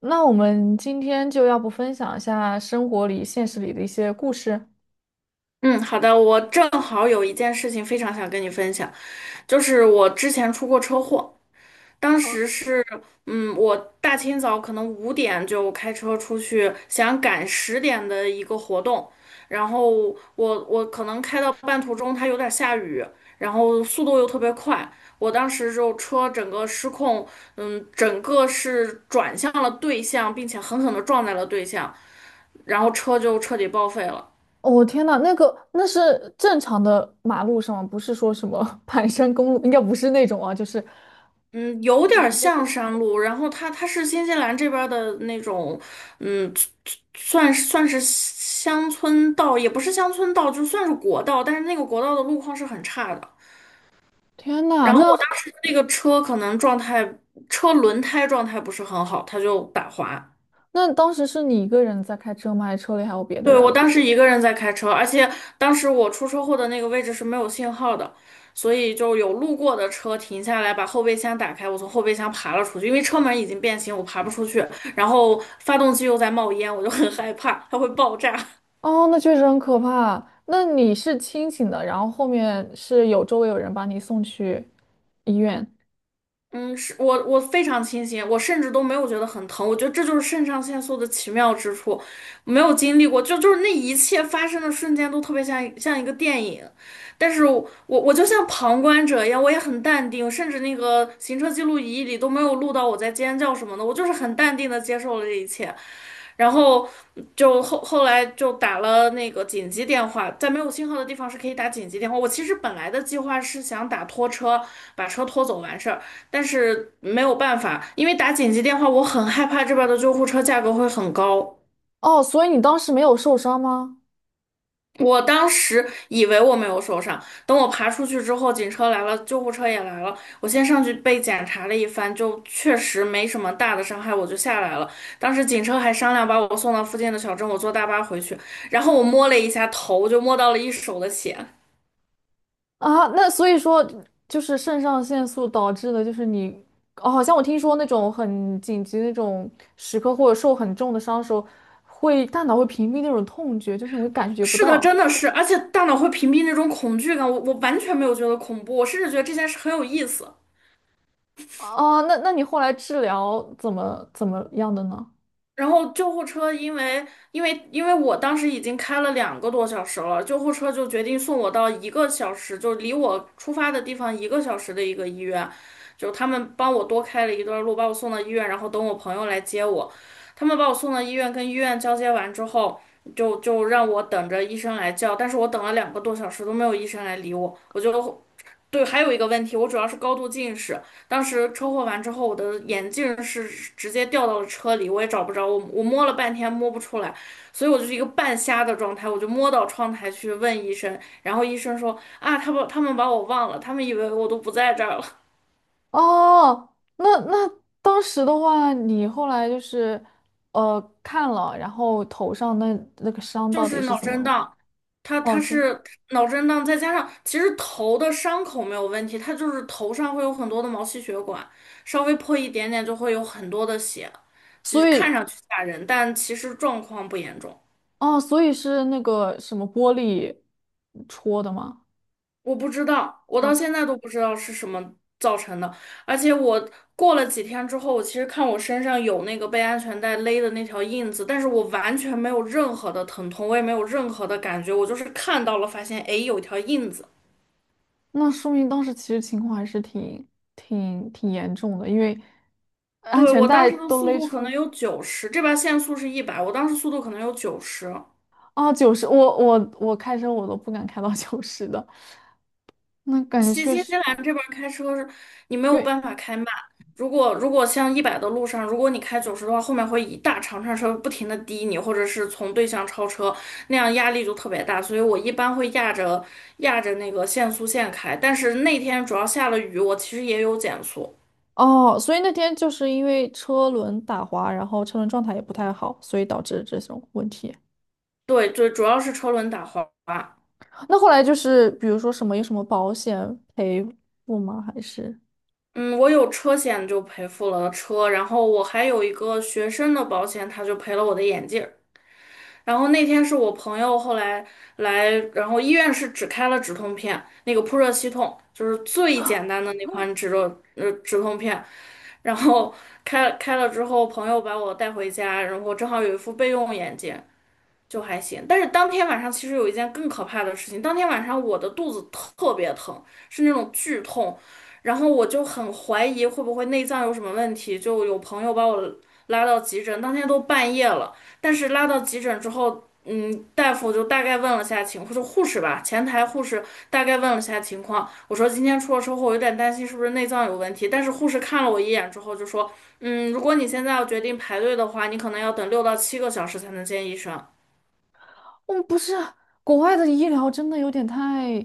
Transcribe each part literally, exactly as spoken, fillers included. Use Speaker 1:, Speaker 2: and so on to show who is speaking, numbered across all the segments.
Speaker 1: 那我们今天就要不分享一下生活里、现实里的一些故事？
Speaker 2: 嗯，好的，我正好有一件事情非常想跟你分享，就是我之前出过车祸。当
Speaker 1: 哦，
Speaker 2: 时是，嗯，我大清早可能五点就开车出去，想赶十点的一个活动。然后我我可能开到半途中，它有点下雨，然后速度又特别快，我当时就车整个失控。嗯，整个是转向了对向，并且狠狠地撞在了对向，然后车就彻底报废了。
Speaker 1: 我天呐，那个那是正常的马路上吗，不是说什么 盘山公路，应该不是那种啊。就是，
Speaker 2: 嗯，有点儿像山路，然后它它是新西兰这边儿的那种。嗯，算是算是乡村道，也不是乡村道，就算是国道，但是那个国道的路况是很差的。
Speaker 1: 天呐，
Speaker 2: 然后我
Speaker 1: 那
Speaker 2: 当时那个车可能状态，车轮胎状态不是很好，它就打滑。
Speaker 1: 那当时是你一个人在开车吗？还是车里还有别的
Speaker 2: 对，
Speaker 1: 人
Speaker 2: 我
Speaker 1: 啊？
Speaker 2: 当时一个人在开车，而且当时我出车祸的那个位置是没有信号的，所以就有路过的车停下来，把后备箱打开，我从后备箱爬了出去，因为车门已经变形，我爬不出去，然后发动机又在冒烟，我就很害怕，它会爆炸。
Speaker 1: 哦，那确实很可怕。那你是清醒的，然后后面是有周围有人把你送去医院。
Speaker 2: 嗯，是我我非常清醒，我甚至都没有觉得很疼，我觉得这就是肾上腺素的奇妙之处，没有经历过，就就是那一切发生的瞬间都特别像一像一个电影，但是我我我就像旁观者一样，我也很淡定，甚至那个行车记录仪里都没有录到我在尖叫什么的，我就是很淡定的接受了这一切。然后就后后来就打了那个紧急电话，在没有信号的地方是可以打紧急电话。我其实本来的计划是想打拖车，把车拖走完事儿，但是没有办法，因为打紧急电话，我很害怕这边的救护车价格会很高。
Speaker 1: 哦，所以你当时没有受伤吗？
Speaker 2: 我当时以为我没有受伤，等我爬出去之后，警车来了，救护车也来了。我先上去被检查了一番，就确实没什么大的伤害，我就下来了。当时警车还商量把我送到附近的小镇，我坐大巴回去。然后我摸了一下头，就摸到了一手的血。
Speaker 1: 啊，那所以说就是肾上腺素导致的，就是你，哦，好像我听说那种很紧急那种时刻或者受很重的伤的时候，会大脑会屏蔽那种痛觉，就是你会感觉不
Speaker 2: 是的，
Speaker 1: 到。
Speaker 2: 真的是，而且大脑会屏蔽那种恐惧感，我我完全没有觉得恐怖，我甚至觉得这件事很有意思。
Speaker 1: 哦，那那你后来治疗怎么怎么样的呢？
Speaker 2: 然后救护车因为因为因为我当时已经开了两个多小时了，救护车就决定送我到一个小时，就离我出发的地方一个小时的一个医院，就他们帮我多开了一段路，把我送到医院，然后等我朋友来接我。他们把我送到医院，跟医院交接完之后，就就让我等着医生来叫，但是我等了两个多小时都没有医生来理我，我就对，还有一个问题，我主要是高度近视。当时车祸完之后，我的眼镜是直接掉到了车里，我也找不着，我我摸了半天摸不出来，所以我就是一个半瞎的状态，我就摸到窗台去问医生，然后医生说啊，他把他们把我忘了，他们以为我都不在这儿了。
Speaker 1: 哦，那那当时的话，你后来就是呃看了，然后头上那那个 伤
Speaker 2: 就
Speaker 1: 到底
Speaker 2: 是
Speaker 1: 是
Speaker 2: 脑
Speaker 1: 怎
Speaker 2: 震
Speaker 1: 么？
Speaker 2: 荡，他
Speaker 1: 哦，
Speaker 2: 他
Speaker 1: 真的，
Speaker 2: 是脑震荡，再加上其实头的伤口没有问题，他就是头上会有很多的毛细血管，稍微破一点点就会有很多的血，就是
Speaker 1: 所
Speaker 2: 看
Speaker 1: 以
Speaker 2: 上去吓人，但其实状况不严重。
Speaker 1: 哦，所以是那个什么玻璃戳的吗？
Speaker 2: 我不知道，我到
Speaker 1: 他
Speaker 2: 现在都不知道是什么造成的。而且我过了几天之后，我其实看我身上有那个被安全带勒的那条印子，但是我完全没有任何的疼痛，我也没有任何的感觉，我就是看到了，发现诶有一条印子。
Speaker 1: 那说明当时其实情况还是挺挺挺严重的，因为安
Speaker 2: 对，
Speaker 1: 全
Speaker 2: 我当
Speaker 1: 带
Speaker 2: 时的
Speaker 1: 都
Speaker 2: 速
Speaker 1: 勒
Speaker 2: 度可能
Speaker 1: 出
Speaker 2: 有九十，这边限速是一百，我当时速度可能有九十。
Speaker 1: 啊九十，我我我开车我都不敢开到九十的，那感觉
Speaker 2: 新
Speaker 1: 确
Speaker 2: 新西
Speaker 1: 实，
Speaker 2: 兰这边儿开车是你没
Speaker 1: 因
Speaker 2: 有
Speaker 1: 为
Speaker 2: 办法开慢。如果如果像一百的路上，如果你开九十的话，后面会一大长串车不停的滴你，或者是从对向超车，那样压力就特别大。所以我一般会压着压着那个限速线开。但是那天主要下了雨，我其实也有减速。
Speaker 1: 哦，所以那天就是因为车轮打滑，然后车轮状态也不太好，所以导致这种问题。
Speaker 2: 对对，主要是车轮打滑。
Speaker 1: 那后来就是比如说什么有什么保险赔付吗？还是？
Speaker 2: 嗯，我有车险就赔付了车，然后我还有一个学生的保险，他就赔了我的眼镜。然后那天是我朋友后来来，然后医院是只开了止痛片，那个扑热息痛就是最简单的那款止热呃止痛片，然后开开了之后，朋友把我带回家，然后正好有一副备用眼镜，就还行。但是当天晚上其实有一件更可怕的事情，当天晚上我的肚子特别疼，是那种剧痛，然后我就很怀疑会不会内脏有什么问题，就有朋友把我拉到急诊，当天都半夜了，但是拉到急诊之后。嗯，大夫就大概问了下情况，就护士吧，前台护士大概问了下情况。我说今天出了车祸，我有点担心是不是内脏有问题。但是护士看了我一眼之后就说，嗯，如果你现在要决定排队的话，你可能要等六到七个小时才能见医生。
Speaker 1: 嗯，不是，国外的医疗真的有点太，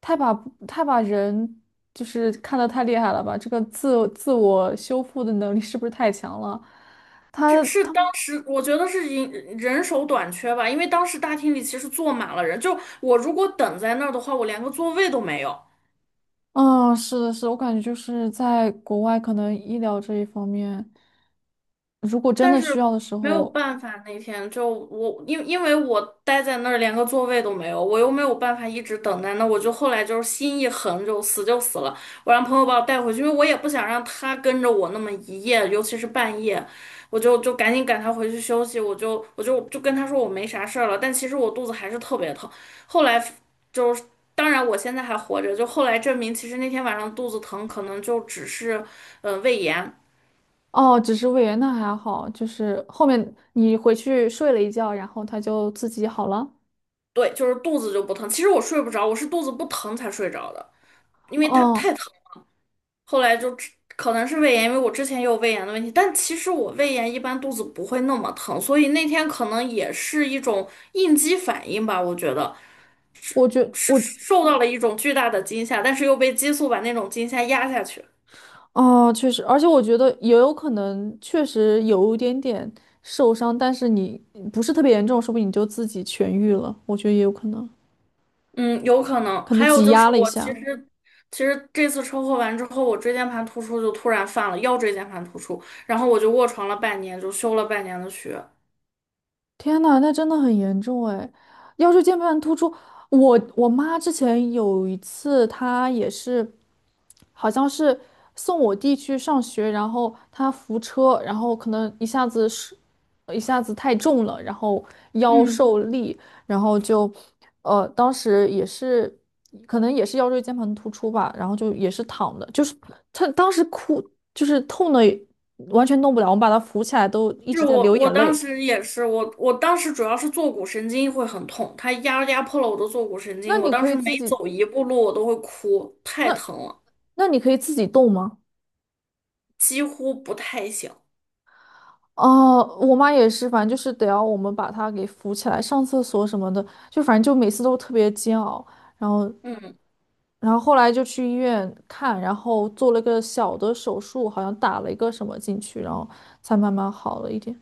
Speaker 1: 太把太把人就是看得太厉害了吧？这个自自我修复的能力是不是太强了？他
Speaker 2: 这是
Speaker 1: 他
Speaker 2: 当
Speaker 1: 们
Speaker 2: 时我觉得是人人手短缺吧，因为当时大厅里其实坐满了人，就我如果等在那儿的话，我连个座位都没有。
Speaker 1: 嗯，是的，是的，我感觉就是在国外，可能医疗这一方面，如果真
Speaker 2: 但
Speaker 1: 的
Speaker 2: 是
Speaker 1: 需要的时
Speaker 2: 没有
Speaker 1: 候，
Speaker 2: 办法，那天就我因因为我待在那儿连个座位都没有，我又没有办法一直等待，那我就后来就是心一横，就死就死了。我让朋友把我带回去，因为我也不想让他跟着我那么一夜，尤其是半夜，我就就赶紧赶他回去休息。我就我就就跟他说我没啥事儿了，但其实我肚子还是特别疼。后来就是。当然，我现在还活着。就后来证明，其实那天晚上肚子疼，可能就只是，呃，胃炎。
Speaker 1: 哦，只是胃炎那还好，就是后面你回去睡了一觉，然后他就自己好了。
Speaker 2: 对，就是肚子就不疼。其实我睡不着，我是肚子不疼才睡着的，因为它
Speaker 1: 嗯，
Speaker 2: 太疼。后来就只可能是胃炎，因为我之前也有胃炎的问题，但其实我胃炎一般肚子不会那么疼，所以那天可能也是一种应激反应吧，我觉得是
Speaker 1: 我觉我
Speaker 2: 受到了一种巨大的惊吓，但是又被激素把那种惊吓压下去。
Speaker 1: 哦，确实，而且我觉得也有可能，确实有一点点受伤，但是你不是特别严重，说不定你就自己痊愈了，我觉得也有可能，
Speaker 2: 嗯，有可能。
Speaker 1: 可能
Speaker 2: 还有
Speaker 1: 挤
Speaker 2: 就是
Speaker 1: 压了一
Speaker 2: 我其
Speaker 1: 下。
Speaker 2: 实。其实这次车祸完之后，我椎间盘突出就突然犯了腰椎间盘突出，然后我就卧床了半年，就休了半年的学。
Speaker 1: 天呐，那真的很严重哎！腰椎间盘突出，我我妈之前有一次，她也是，好像是送我弟去上学，然后她扶车，然后可能一下子是一下子太重了，然后腰
Speaker 2: 嗯。
Speaker 1: 受力，然后就呃，当时也是可能也是腰椎间盘突出吧，然后就也是躺的，就是她当时哭，就是痛的完全动不了，我们把她扶起来都一
Speaker 2: 是
Speaker 1: 直在
Speaker 2: 我，
Speaker 1: 流
Speaker 2: 我
Speaker 1: 眼
Speaker 2: 当
Speaker 1: 泪。
Speaker 2: 时也是，我我当时主要是坐骨神经会很痛，它压压迫了我的坐骨神
Speaker 1: 那
Speaker 2: 经，我
Speaker 1: 你
Speaker 2: 当
Speaker 1: 可
Speaker 2: 时
Speaker 1: 以
Speaker 2: 每
Speaker 1: 自己，
Speaker 2: 走一步路我都会哭，太
Speaker 1: 那
Speaker 2: 疼了，
Speaker 1: 那你可以自己动吗？
Speaker 2: 几乎不太行。
Speaker 1: 哦，我妈也是，反正就是得要我们把她给扶起来，上厕所什么的，就反正就每次都特别煎熬。然后，
Speaker 2: 嗯。
Speaker 1: 然后后来就去医院看，然后做了个小的手术，好像打了一个什么进去，然后才慢慢好了一点。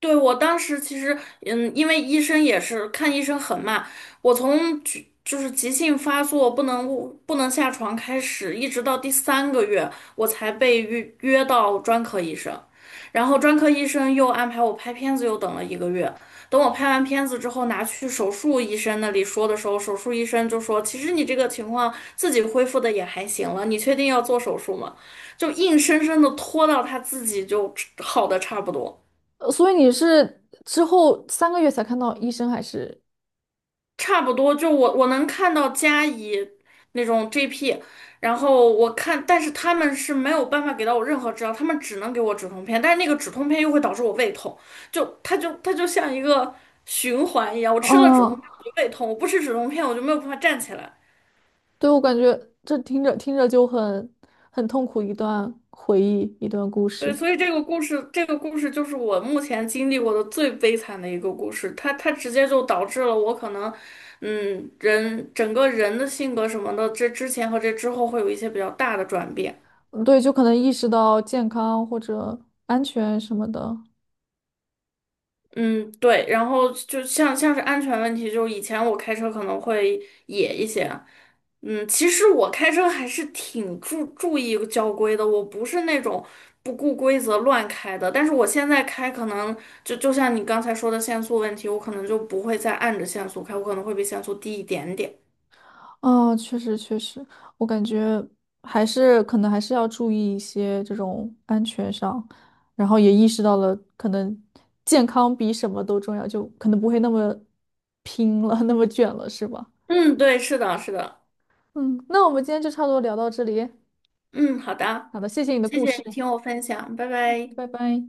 Speaker 2: 对，我当时其实，嗯，因为医生也是看医生很慢，我从急就是急性发作不能不能下床开始，一直到第三个月，我才被约约到专科医生，然后专科医生又安排我拍片子，又等了一个月。等我拍完片子之后，拿去手术医生那里说的时候，手术医生就说："其实你这个情况自己恢复的也还行了，你确定要做手术吗？"就硬生生的拖到他自己就好的差不多。
Speaker 1: 呃所以你是之后三个月才看到医生，还是？
Speaker 2: 差不多，就我我能看到佳怡那种 G P,然后我看，但是他们是没有办法给到我任何治疗，他们只能给我止痛片，但是那个止痛片又会导致我胃痛，就它就它就像一个循环一样，我吃了止痛
Speaker 1: 哦，
Speaker 2: 片我就胃痛，我不吃止痛片我就没有办法站起来。
Speaker 1: 对，我感觉这听着听着就很很痛苦，一段回忆，一段故
Speaker 2: 对，
Speaker 1: 事。
Speaker 2: 所以这个故事，这个故事就是我目前经历过的最悲惨的一个故事，它它直接就导致了我可能。嗯，人整个人的性格什么的，这之前和这之后会有一些比较大的转变。
Speaker 1: 嗯对，就可能意识到健康或者安全什么的。
Speaker 2: 嗯，对，然后就像像是安全问题，就是以前我开车可能会野一些，嗯，其实我开车还是挺注注意交规的，我不是那种不顾规则乱开的，但是我现在开可能就就像你刚才说的限速问题，我可能就不会再按着限速开，我可能会比限速低一点点。
Speaker 1: 哦，确实，确实，我感觉还是可能还是要注意一些这种安全上，然后也意识到了可能健康比什么都重要，就可能不会那么拼了，那么卷了，是吧？
Speaker 2: 嗯，对，是的，是的，
Speaker 1: 嗯，那我们今天就差不多聊到这里。
Speaker 2: 嗯，好的，
Speaker 1: 好的，谢谢你的
Speaker 2: 谢
Speaker 1: 故
Speaker 2: 谢
Speaker 1: 事，
Speaker 2: 你听我分享，拜拜。
Speaker 1: 拜拜。